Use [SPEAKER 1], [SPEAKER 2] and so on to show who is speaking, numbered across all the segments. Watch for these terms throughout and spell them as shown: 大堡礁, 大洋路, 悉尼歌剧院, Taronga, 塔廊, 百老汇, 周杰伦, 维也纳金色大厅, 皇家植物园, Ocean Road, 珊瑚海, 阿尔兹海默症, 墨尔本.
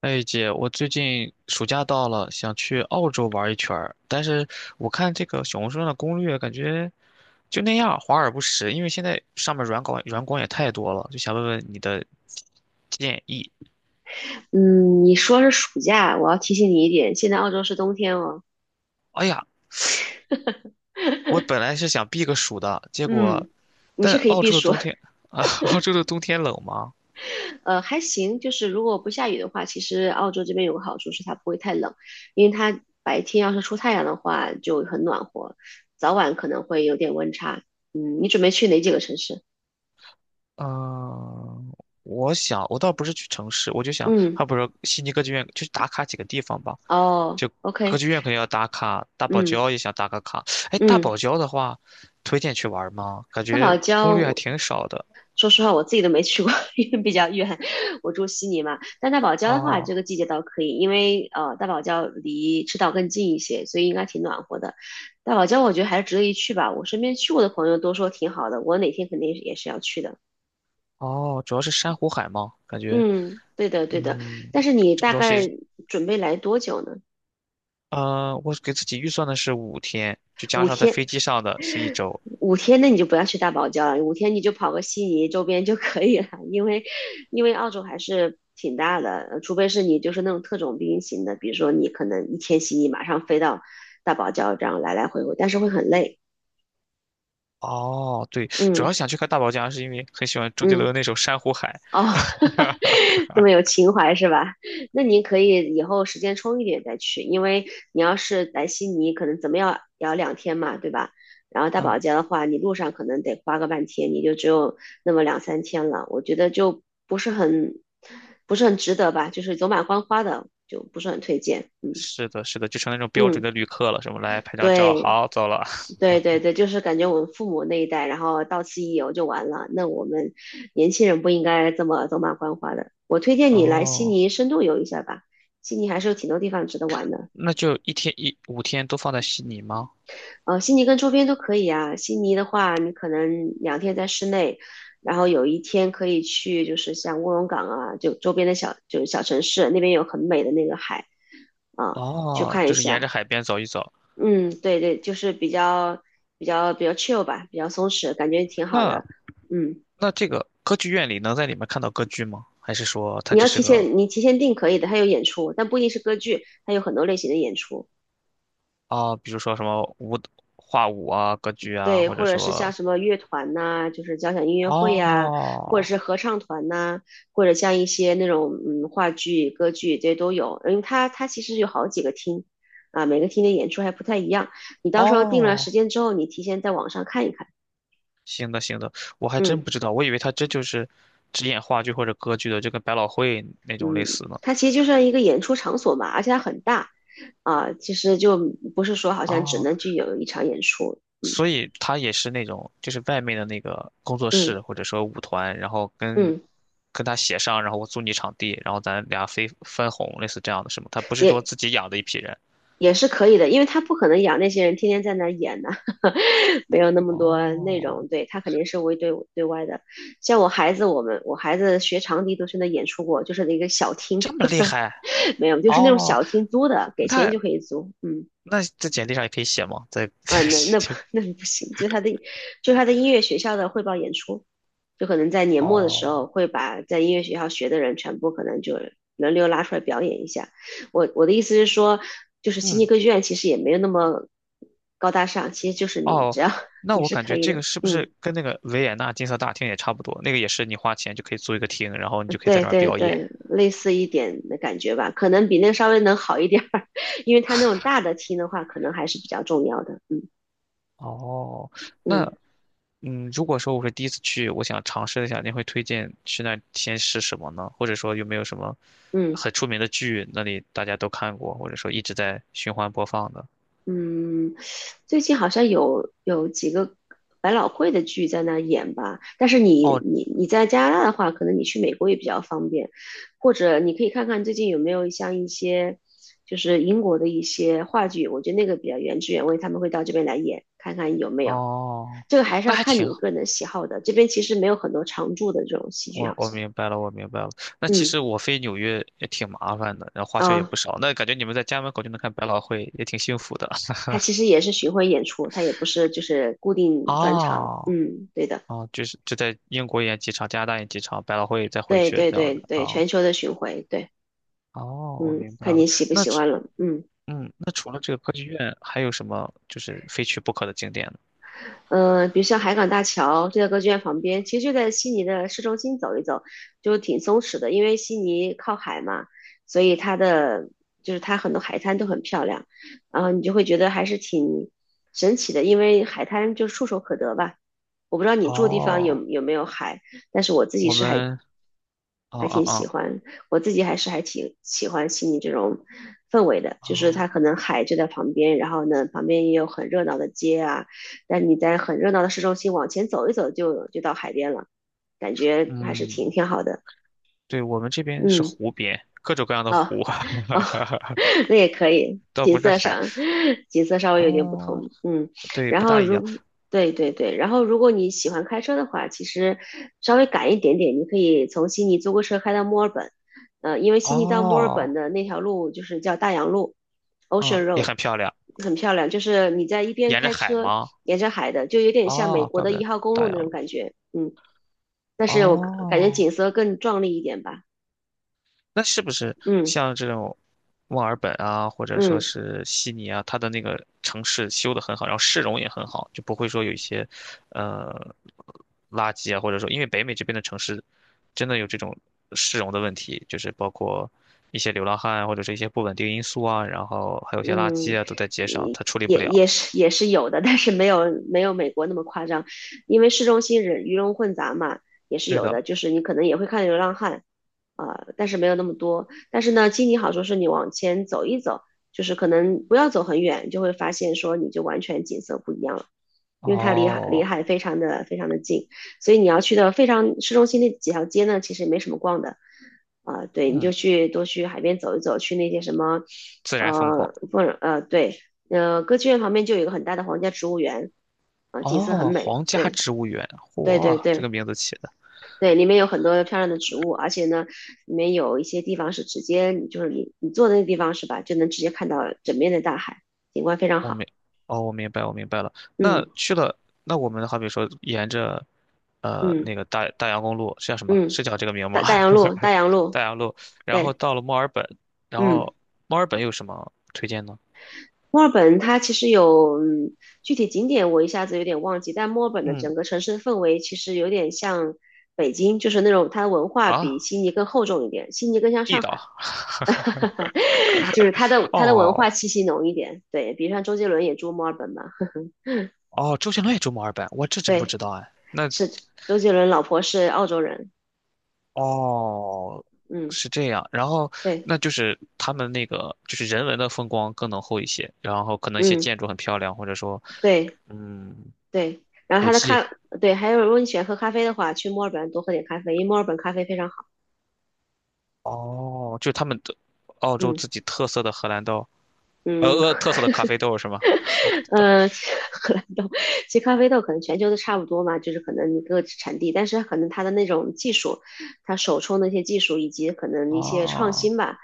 [SPEAKER 1] 哎，姐，我最近暑假到了，想去澳洲玩一圈儿，但是我看这个小红书上的攻略，感觉就那样，华而不实。因为现在上面软广也太多了，就想问问你的建议。
[SPEAKER 2] 嗯，你说是暑假，我要提醒你一点，现在澳洲是冬天哦。
[SPEAKER 1] 哎呀，我本来是想避个暑的，结果，
[SPEAKER 2] 嗯，你
[SPEAKER 1] 但
[SPEAKER 2] 是可以
[SPEAKER 1] 澳
[SPEAKER 2] 避
[SPEAKER 1] 洲的
[SPEAKER 2] 暑。
[SPEAKER 1] 冬天啊，澳洲的冬天冷吗？
[SPEAKER 2] 还行。就是如果不下雨的话，其实澳洲这边有个好处是它不会太冷，因为它白天要是出太阳的话就很暖和，早晚可能会有点温差。嗯，你准备去哪几个城市？
[SPEAKER 1] 嗯，我想我倒不是去城市，我就想，
[SPEAKER 2] 嗯，
[SPEAKER 1] 还不如悉尼歌剧院去打卡几个地方吧。
[SPEAKER 2] 哦
[SPEAKER 1] 就歌
[SPEAKER 2] ，OK，
[SPEAKER 1] 剧院肯定要打卡，大堡
[SPEAKER 2] 嗯
[SPEAKER 1] 礁也想打个卡。哎，大
[SPEAKER 2] 嗯，
[SPEAKER 1] 堡礁的话，推荐去玩吗？感
[SPEAKER 2] 大堡
[SPEAKER 1] 觉攻略还
[SPEAKER 2] 礁
[SPEAKER 1] 挺少的。
[SPEAKER 2] 说实话，我自己都没去过。因为比较远，我住悉尼嘛。但大堡礁的话，
[SPEAKER 1] 哦
[SPEAKER 2] 这个季节倒可以，因为，大堡礁离赤道更近一些，所以应该挺暖和的。大堡礁我觉得还是值得一去吧，我身边去过的朋友都说挺好的，我哪天肯定也是要去的。
[SPEAKER 1] 哦，主要是珊瑚海嘛。感觉
[SPEAKER 2] 嗯，对的对的。
[SPEAKER 1] 嗯，
[SPEAKER 2] 但是你
[SPEAKER 1] 这个
[SPEAKER 2] 大
[SPEAKER 1] 东
[SPEAKER 2] 概
[SPEAKER 1] 西，
[SPEAKER 2] 准备来多久呢？
[SPEAKER 1] 我给自己预算的是五天，就加
[SPEAKER 2] 五
[SPEAKER 1] 上在
[SPEAKER 2] 天，
[SPEAKER 1] 飞机上的是1周。
[SPEAKER 2] 五天那你就不要去大堡礁了，五天你就跑个悉尼周边就可以了。因为澳洲还是挺大的，除非是你就是那种特种兵型的，比如说你可能一天悉尼马上飞到大堡礁这样来来回回，但是会很累。
[SPEAKER 1] 哦，对，主
[SPEAKER 2] 嗯
[SPEAKER 1] 要想去看大堡礁，是因为很喜欢周杰
[SPEAKER 2] 嗯。
[SPEAKER 1] 伦那首《珊瑚海》。
[SPEAKER 2] 哦，这么有情怀是吧？那您可以以后时间充裕点再去，因为你要是来悉尼，可能怎么样也要两天嘛，对吧？然后 大堡
[SPEAKER 1] 嗯，
[SPEAKER 2] 礁的话，你路上可能得花个半天，你就只有那么两三天了，我觉得就不是很值得吧，就是走马观花的，就不是很推荐。嗯
[SPEAKER 1] 是的，是的，就成那种标准
[SPEAKER 2] 嗯，
[SPEAKER 1] 的旅客了，什么来拍张照，
[SPEAKER 2] 对。
[SPEAKER 1] 好，走了。
[SPEAKER 2] 对对对，就是感觉我们父母那一代，然后到此一游就完了。那我们年轻人不应该这么走马观花的。我推荐你来悉
[SPEAKER 1] 哦，
[SPEAKER 2] 尼深度游一下吧，悉尼还是有挺多地方值得玩的。
[SPEAKER 1] 那就一天一五天都放在悉尼吗？
[SPEAKER 2] 悉尼跟周边都可以啊。悉尼的话，你可能两天在室内，然后有一天可以去，就是像卧龙岗啊，就周边的小就是小城市，那边有很美的那个海啊，去
[SPEAKER 1] 哦，
[SPEAKER 2] 看一
[SPEAKER 1] 就是沿着
[SPEAKER 2] 下。
[SPEAKER 1] 海边走一走。
[SPEAKER 2] 嗯，对对，就是比较 chill 吧，比较松弛，感觉挺好
[SPEAKER 1] 那
[SPEAKER 2] 的。嗯，
[SPEAKER 1] 那这个歌剧院里能在里面看到歌剧吗？还是说它只是个
[SPEAKER 2] 你提前订可以的，它有演出，但不一定是歌剧，它有很多类型的演出。
[SPEAKER 1] 啊？比如说什么舞画舞啊、歌剧啊，
[SPEAKER 2] 对，
[SPEAKER 1] 或者
[SPEAKER 2] 或者是像
[SPEAKER 1] 说。
[SPEAKER 2] 什么乐团呐、就是交响音乐会呀、或者
[SPEAKER 1] 哦
[SPEAKER 2] 是合唱团呐、或者像一些那种话剧、歌剧这些都有。因为它其实有好几个厅啊，每个厅的演出还不太一样。你到时候定了时
[SPEAKER 1] 哦，
[SPEAKER 2] 间之后，你提前在网上看一看。
[SPEAKER 1] 行的行的，我还真
[SPEAKER 2] 嗯。
[SPEAKER 1] 不知道，我以为它这就是只演话剧或者歌剧的，就跟百老汇那种类
[SPEAKER 2] 嗯，
[SPEAKER 1] 似呢。
[SPEAKER 2] 它其实就像一个演出场所嘛，而且它很大啊，其实就不是说好像只
[SPEAKER 1] 哦，
[SPEAKER 2] 能具有一场演出。嗯
[SPEAKER 1] 所以他也是那种，就是外面的那个工作
[SPEAKER 2] 嗯
[SPEAKER 1] 室或者说舞团，然后跟
[SPEAKER 2] 嗯，
[SPEAKER 1] 跟他协商，然后我租你场地，然后咱俩分分红，类似这样的是吗？他不是说
[SPEAKER 2] 也
[SPEAKER 1] 自己养的一批人。
[SPEAKER 2] 也是可以的，因为他不可能养那些人天天在那儿演呐。没有那么多内
[SPEAKER 1] 哦，
[SPEAKER 2] 容。对，他肯定是为对外的。像我孩子，我孩子学长笛都是那演出过，就是那个小厅。
[SPEAKER 1] 这么厉害。
[SPEAKER 2] 没有，就是那种
[SPEAKER 1] 哦，
[SPEAKER 2] 小厅租的，给钱
[SPEAKER 1] 那
[SPEAKER 2] 就可以租，嗯。
[SPEAKER 1] 那在简历上也可以写吗？在
[SPEAKER 2] 啊，那不行，就是他的音乐学校的汇报演出，就可能在年末的时候
[SPEAKER 1] 哦，
[SPEAKER 2] 会把在音乐学校学的人全部可能就轮流拉出来表演一下。我的意思是说，就是悉尼
[SPEAKER 1] 嗯，
[SPEAKER 2] 歌剧院其实也没有那么高大上，其实就是你
[SPEAKER 1] 哦，
[SPEAKER 2] 只要
[SPEAKER 1] 那
[SPEAKER 2] 你
[SPEAKER 1] 我
[SPEAKER 2] 是
[SPEAKER 1] 感
[SPEAKER 2] 可
[SPEAKER 1] 觉
[SPEAKER 2] 以
[SPEAKER 1] 这
[SPEAKER 2] 的。
[SPEAKER 1] 个是不
[SPEAKER 2] 嗯，
[SPEAKER 1] 是跟那个维也纳金色大厅也差不多？那个也是你花钱就可以租一个厅，然后你就可以在
[SPEAKER 2] 对
[SPEAKER 1] 那儿
[SPEAKER 2] 对
[SPEAKER 1] 表
[SPEAKER 2] 对，
[SPEAKER 1] 演。
[SPEAKER 2] 类似一点的感觉吧，可能比那个稍微能好一点儿。因为他那种大的厅的话，可能还是比较重要的。嗯
[SPEAKER 1] 哦，
[SPEAKER 2] 嗯
[SPEAKER 1] 那如果说我是第一次去，我想尝试一下，您会推荐去那儿先吃什么呢？或者说有没有什么
[SPEAKER 2] 嗯。
[SPEAKER 1] 很出名的剧，那里大家都看过，或者说一直在循环播放的？
[SPEAKER 2] 嗯，最近好像有几个百老汇的剧在那儿演吧，但是你
[SPEAKER 1] 哦
[SPEAKER 2] 你你在加拿大的话，可能你去美国也比较方便，或者你可以看看最近有没有像一些就是英国的一些话剧，我觉得那个比较原汁原味，他们会到这边来演，看看有没有。
[SPEAKER 1] 哦，
[SPEAKER 2] 这个还是
[SPEAKER 1] 那
[SPEAKER 2] 要
[SPEAKER 1] 还
[SPEAKER 2] 看
[SPEAKER 1] 挺，
[SPEAKER 2] 你个人的喜好的，这边其实没有很多常驻的这种戏剧，
[SPEAKER 1] 我
[SPEAKER 2] 好
[SPEAKER 1] 我
[SPEAKER 2] 像。
[SPEAKER 1] 明白了，我明白了。那其实
[SPEAKER 2] 嗯
[SPEAKER 1] 我飞纽约也挺麻烦的，然后花销也
[SPEAKER 2] 啊，
[SPEAKER 1] 不少。那感觉你们在家门口就能看百老汇，也挺幸福的。
[SPEAKER 2] 它其实也是巡回演出，它也不是就是固定专场。
[SPEAKER 1] 哦
[SPEAKER 2] 嗯，对的。
[SPEAKER 1] 哦，就是就在英国演几场，加拿大演几场，百老汇再回
[SPEAKER 2] 对
[SPEAKER 1] 去
[SPEAKER 2] 对
[SPEAKER 1] 这样
[SPEAKER 2] 对
[SPEAKER 1] 的。
[SPEAKER 2] 对，
[SPEAKER 1] 哦
[SPEAKER 2] 全球的巡回，对。
[SPEAKER 1] 哦，我
[SPEAKER 2] 嗯，
[SPEAKER 1] 明白
[SPEAKER 2] 看
[SPEAKER 1] 了。
[SPEAKER 2] 你喜不
[SPEAKER 1] 那
[SPEAKER 2] 喜欢了，嗯。
[SPEAKER 1] 嗯，那除了这个歌剧院，还有什么就是非去不可的景点呢？
[SPEAKER 2] 嗯、比如像海港大桥就在歌剧院旁边，其实就在悉尼的市中心走一走，就挺松弛的，因为悉尼靠海嘛，所以它的就是它很多海滩都很漂亮，然后你就会觉得还是挺神奇的，因为海滩就触手可得吧。我不知道你住的地方
[SPEAKER 1] 哦，
[SPEAKER 2] 有没有海，但是我自己
[SPEAKER 1] 我
[SPEAKER 2] 是还
[SPEAKER 1] 们，啊
[SPEAKER 2] 还
[SPEAKER 1] 啊
[SPEAKER 2] 挺喜
[SPEAKER 1] 啊
[SPEAKER 2] 欢，我自己还是还挺喜欢悉尼这种氛围的，就是
[SPEAKER 1] 哦
[SPEAKER 2] 它可能海就在旁边，然后呢，旁边也有很热闹的街啊，但你在很热闹的市中心往前走一走就到海边了，感觉还是挺
[SPEAKER 1] 嗯，
[SPEAKER 2] 挺好的。
[SPEAKER 1] 对，我们这边是
[SPEAKER 2] 嗯，
[SPEAKER 1] 湖边，各种各样的
[SPEAKER 2] 哦
[SPEAKER 1] 湖，
[SPEAKER 2] 哦。那也可以，
[SPEAKER 1] 倒
[SPEAKER 2] 景
[SPEAKER 1] 不是
[SPEAKER 2] 色
[SPEAKER 1] 海。
[SPEAKER 2] 上，景色稍微有点不
[SPEAKER 1] 哦，
[SPEAKER 2] 同。嗯，
[SPEAKER 1] 对，
[SPEAKER 2] 然
[SPEAKER 1] 不
[SPEAKER 2] 后
[SPEAKER 1] 大一样。
[SPEAKER 2] 如，对对对，然后如果你喜欢开车的话，其实稍微赶一点点，你可以从悉尼租个车开到墨尔本，因为悉尼到墨尔
[SPEAKER 1] 哦，
[SPEAKER 2] 本的那条路就是叫大洋路
[SPEAKER 1] 嗯，
[SPEAKER 2] （Ocean
[SPEAKER 1] 也
[SPEAKER 2] Road），
[SPEAKER 1] 很漂亮，
[SPEAKER 2] 很漂亮，就是你在一边
[SPEAKER 1] 沿着
[SPEAKER 2] 开
[SPEAKER 1] 海
[SPEAKER 2] 车
[SPEAKER 1] 吗？
[SPEAKER 2] 沿着海的，就有点像美
[SPEAKER 1] 哦，
[SPEAKER 2] 国
[SPEAKER 1] 怪
[SPEAKER 2] 的
[SPEAKER 1] 不
[SPEAKER 2] 一
[SPEAKER 1] 得
[SPEAKER 2] 号公
[SPEAKER 1] 大
[SPEAKER 2] 路那
[SPEAKER 1] 洋
[SPEAKER 2] 种
[SPEAKER 1] 路。
[SPEAKER 2] 感觉。嗯，但是我感觉
[SPEAKER 1] 哦。
[SPEAKER 2] 景色更壮丽一点吧。
[SPEAKER 1] 那是不是
[SPEAKER 2] 嗯
[SPEAKER 1] 像这种墨尔本啊，或者说
[SPEAKER 2] 嗯。
[SPEAKER 1] 是悉尼啊，它的那个城市修得很好，然后市容也很好，就不会说有一些呃垃圾啊，或者说因为北美这边的城市真的有这种市容的问题，就是包括一些流浪汉啊或者是一些不稳定因素啊，然后还有一些垃
[SPEAKER 2] 嗯，
[SPEAKER 1] 圾啊都在街上，它处理不了。
[SPEAKER 2] 也是有的，但是没有美国那么夸张，因为市中心人鱼龙混杂嘛，也是
[SPEAKER 1] 对
[SPEAKER 2] 有
[SPEAKER 1] 的，
[SPEAKER 2] 的，就是你可能也会看流浪汉，啊、但是没有那么多。但是呢，经济好处是你往前走一走，就是可能不要走很远，就会发现说你就完全景色不一样了，因为它离海离
[SPEAKER 1] 哦，
[SPEAKER 2] 海非常的非常的近，所以你要去的非常市中心那几条街呢，其实没什么逛的。啊、对，你就
[SPEAKER 1] 嗯，
[SPEAKER 2] 去多去海边走一走，去那些什么，
[SPEAKER 1] 自然风光。
[SPEAKER 2] 不，对，歌剧院旁边就有一个很大的皇家植物园，啊、景色很
[SPEAKER 1] 哦，
[SPEAKER 2] 美，
[SPEAKER 1] 皇家
[SPEAKER 2] 对，
[SPEAKER 1] 植物园，
[SPEAKER 2] 对对
[SPEAKER 1] 嚯，这个
[SPEAKER 2] 对
[SPEAKER 1] 名字起的。
[SPEAKER 2] 对，里面有很多漂亮的植物，而且呢，里面有一些地方是直接，就是你坐的那地方是吧，就能直接看到整面的大海，景观非常
[SPEAKER 1] 我
[SPEAKER 2] 好。
[SPEAKER 1] 明，哦，我明白，我明白了。那
[SPEAKER 2] 嗯
[SPEAKER 1] 去了，那我们好比说沿着，
[SPEAKER 2] 嗯
[SPEAKER 1] 那个大洋公路是叫什么？
[SPEAKER 2] 嗯，
[SPEAKER 1] 是叫这个名吗？
[SPEAKER 2] 大洋 路，
[SPEAKER 1] 大洋路，然后
[SPEAKER 2] 对，
[SPEAKER 1] 到了墨尔本，然
[SPEAKER 2] 嗯。
[SPEAKER 1] 后墨尔本有什么推荐呢？
[SPEAKER 2] 墨尔本它其实有，嗯，具体景点我一下子有点忘记，但墨尔本的
[SPEAKER 1] 嗯，
[SPEAKER 2] 整个城市的氛围其实有点像北京，就是那种它的文化
[SPEAKER 1] 啊，
[SPEAKER 2] 比悉尼更厚重一点，悉尼更像
[SPEAKER 1] 地
[SPEAKER 2] 上
[SPEAKER 1] 道
[SPEAKER 2] 海。
[SPEAKER 1] 啊。
[SPEAKER 2] 就是它的文化
[SPEAKER 1] 哦
[SPEAKER 2] 气息浓一点。对，比如像周杰伦也住墨尔本嘛。
[SPEAKER 1] 哦，周杰伦也住墨尔本，我这 真不
[SPEAKER 2] 对，
[SPEAKER 1] 知道哎。那
[SPEAKER 2] 是周杰伦老婆是澳洲人，
[SPEAKER 1] 哦，
[SPEAKER 2] 嗯，
[SPEAKER 1] 是这样，然后
[SPEAKER 2] 对，
[SPEAKER 1] 那就是他们那个就是人文的风光更浓厚一些，然后可能一些
[SPEAKER 2] 嗯，
[SPEAKER 1] 建筑很漂亮，或者说
[SPEAKER 2] 对
[SPEAKER 1] 嗯
[SPEAKER 2] 对，然后
[SPEAKER 1] 古
[SPEAKER 2] 他的
[SPEAKER 1] 迹。
[SPEAKER 2] 咖，对，还有如果你喜欢喝咖啡的话，去墨尔本多喝点咖啡，因为墨尔本咖啡非常好。
[SPEAKER 1] 哦，就他们的澳洲
[SPEAKER 2] 嗯。
[SPEAKER 1] 自己特色的荷兰豆，
[SPEAKER 2] 嗯，
[SPEAKER 1] 特色的咖啡豆是吗？荷兰豆。
[SPEAKER 2] 嗯。荷兰豆，其实咖啡豆可能全球都差不多嘛，就是可能一个产地，但是可能它的那种技术，它手冲的一些技术以及可能一些创
[SPEAKER 1] 哦
[SPEAKER 2] 新吧，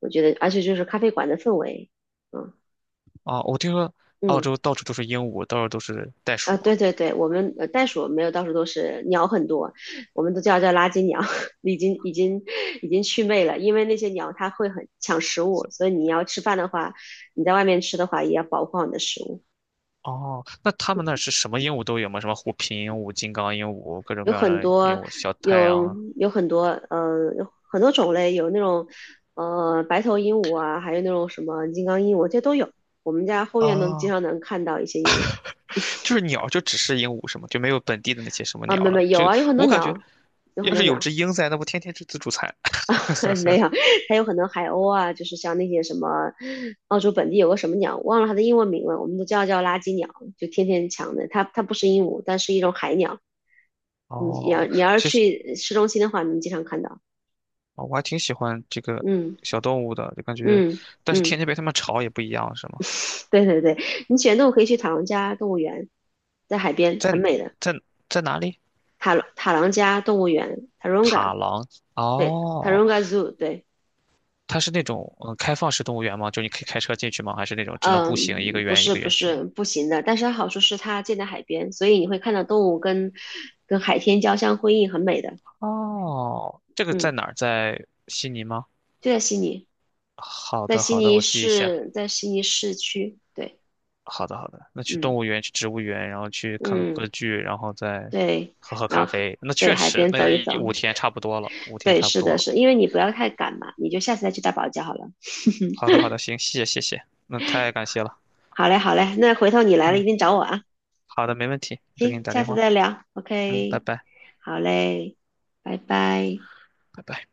[SPEAKER 2] 我觉得，而且就是咖啡馆的氛围，嗯
[SPEAKER 1] 哦，我听说澳
[SPEAKER 2] 嗯
[SPEAKER 1] 洲到处都是鹦鹉，到处都是袋
[SPEAKER 2] 啊，
[SPEAKER 1] 鼠啊。
[SPEAKER 2] 对对对，我们袋鼠没有到处都是，鸟很多，我们都叫垃圾鸟。已经已经已经祛魅了，因为那些鸟它会很抢食物，所以你要吃饭的话，你在外面吃的话也要保护好你的食物。
[SPEAKER 1] 哦，那他们那儿是什么鹦鹉都有吗？什么虎皮鹦鹉、金刚鹦鹉，各种
[SPEAKER 2] 有
[SPEAKER 1] 各样
[SPEAKER 2] 很
[SPEAKER 1] 的鹦
[SPEAKER 2] 多
[SPEAKER 1] 鹉，小太
[SPEAKER 2] 有
[SPEAKER 1] 阳
[SPEAKER 2] 有很多有很多种类，有那种白头鹦鹉啊，还有那种什么金刚鹦鹉，这都有。我们家后院能经
[SPEAKER 1] 啊，
[SPEAKER 2] 常能看到一些鹦鹉
[SPEAKER 1] 就是鸟就只是鹦鹉是吗？就没有本地的那些什么
[SPEAKER 2] 啊，
[SPEAKER 1] 鸟
[SPEAKER 2] 没
[SPEAKER 1] 了。
[SPEAKER 2] 没有
[SPEAKER 1] 就
[SPEAKER 2] 啊，有很多
[SPEAKER 1] 我感觉，
[SPEAKER 2] 鸟，有很
[SPEAKER 1] 要
[SPEAKER 2] 多
[SPEAKER 1] 是有
[SPEAKER 2] 鸟。
[SPEAKER 1] 只鹰在，那不天天吃自助餐。
[SPEAKER 2] 没有，还有很多海鸥啊，就是像那些什么澳洲本地有个什么鸟，忘了它的英文名了，我们都叫它叫垃圾鸟，就天天抢的。它不是鹦鹉，但是一种海鸟。
[SPEAKER 1] 哦，
[SPEAKER 2] 你要是
[SPEAKER 1] 其实。
[SPEAKER 2] 去市中心的话，你经常看到。
[SPEAKER 1] 啊，我还挺喜欢这个
[SPEAKER 2] 嗯
[SPEAKER 1] 小动物的，就感觉，
[SPEAKER 2] 嗯
[SPEAKER 1] 但是天
[SPEAKER 2] 嗯。
[SPEAKER 1] 天被它们吵也不一样，是吗？
[SPEAKER 2] 对对对，你喜欢动物可以去塔朗加动物园，在海边
[SPEAKER 1] 在
[SPEAKER 2] 很美的
[SPEAKER 1] 在在哪里？
[SPEAKER 2] 塔朗加动物园 （Taronga），
[SPEAKER 1] 塔廊
[SPEAKER 2] 对
[SPEAKER 1] 哦，
[SPEAKER 2] ，Taronga Zoo，对。
[SPEAKER 1] 它是那种嗯开放式动物园吗？就你可以开车进去吗？还是那种只能步行一个
[SPEAKER 2] 嗯，
[SPEAKER 1] 园一个园区？
[SPEAKER 2] 不行的，但是它好处是它建在海边，所以你会看到动物跟海天交相辉映，很美的。
[SPEAKER 1] 哦，这个在
[SPEAKER 2] 嗯，
[SPEAKER 1] 哪儿？在悉尼吗？
[SPEAKER 2] 就在悉尼，
[SPEAKER 1] 好
[SPEAKER 2] 在
[SPEAKER 1] 的，
[SPEAKER 2] 悉
[SPEAKER 1] 好的，
[SPEAKER 2] 尼
[SPEAKER 1] 我记一下。
[SPEAKER 2] 市，在悉尼市区，对。
[SPEAKER 1] 好的，好的，那去
[SPEAKER 2] 嗯
[SPEAKER 1] 动物园，去植物园，然后去看个
[SPEAKER 2] 嗯
[SPEAKER 1] 歌剧，然后再
[SPEAKER 2] 对，
[SPEAKER 1] 喝喝
[SPEAKER 2] 然
[SPEAKER 1] 咖
[SPEAKER 2] 后
[SPEAKER 1] 啡。那
[SPEAKER 2] 对
[SPEAKER 1] 确
[SPEAKER 2] 海
[SPEAKER 1] 实，
[SPEAKER 2] 边
[SPEAKER 1] 那
[SPEAKER 2] 走一走，
[SPEAKER 1] 五天差不多了，五天
[SPEAKER 2] 对，
[SPEAKER 1] 差不
[SPEAKER 2] 是
[SPEAKER 1] 多
[SPEAKER 2] 的
[SPEAKER 1] 了。
[SPEAKER 2] 是，因为你不要太赶嘛，你就下次再去大堡礁好了。
[SPEAKER 1] 好的，好的，行，谢谢，谢谢，那太感谢了。
[SPEAKER 2] 好嘞，好嘞，那回头你来了一
[SPEAKER 1] 嗯，
[SPEAKER 2] 定找我啊。
[SPEAKER 1] 好的，没问题，我再给你
[SPEAKER 2] 行，
[SPEAKER 1] 打
[SPEAKER 2] 下
[SPEAKER 1] 电
[SPEAKER 2] 次
[SPEAKER 1] 话。
[SPEAKER 2] 再聊。
[SPEAKER 1] 嗯，拜
[SPEAKER 2] OK，
[SPEAKER 1] 拜，
[SPEAKER 2] 好嘞，拜拜。
[SPEAKER 1] 拜拜。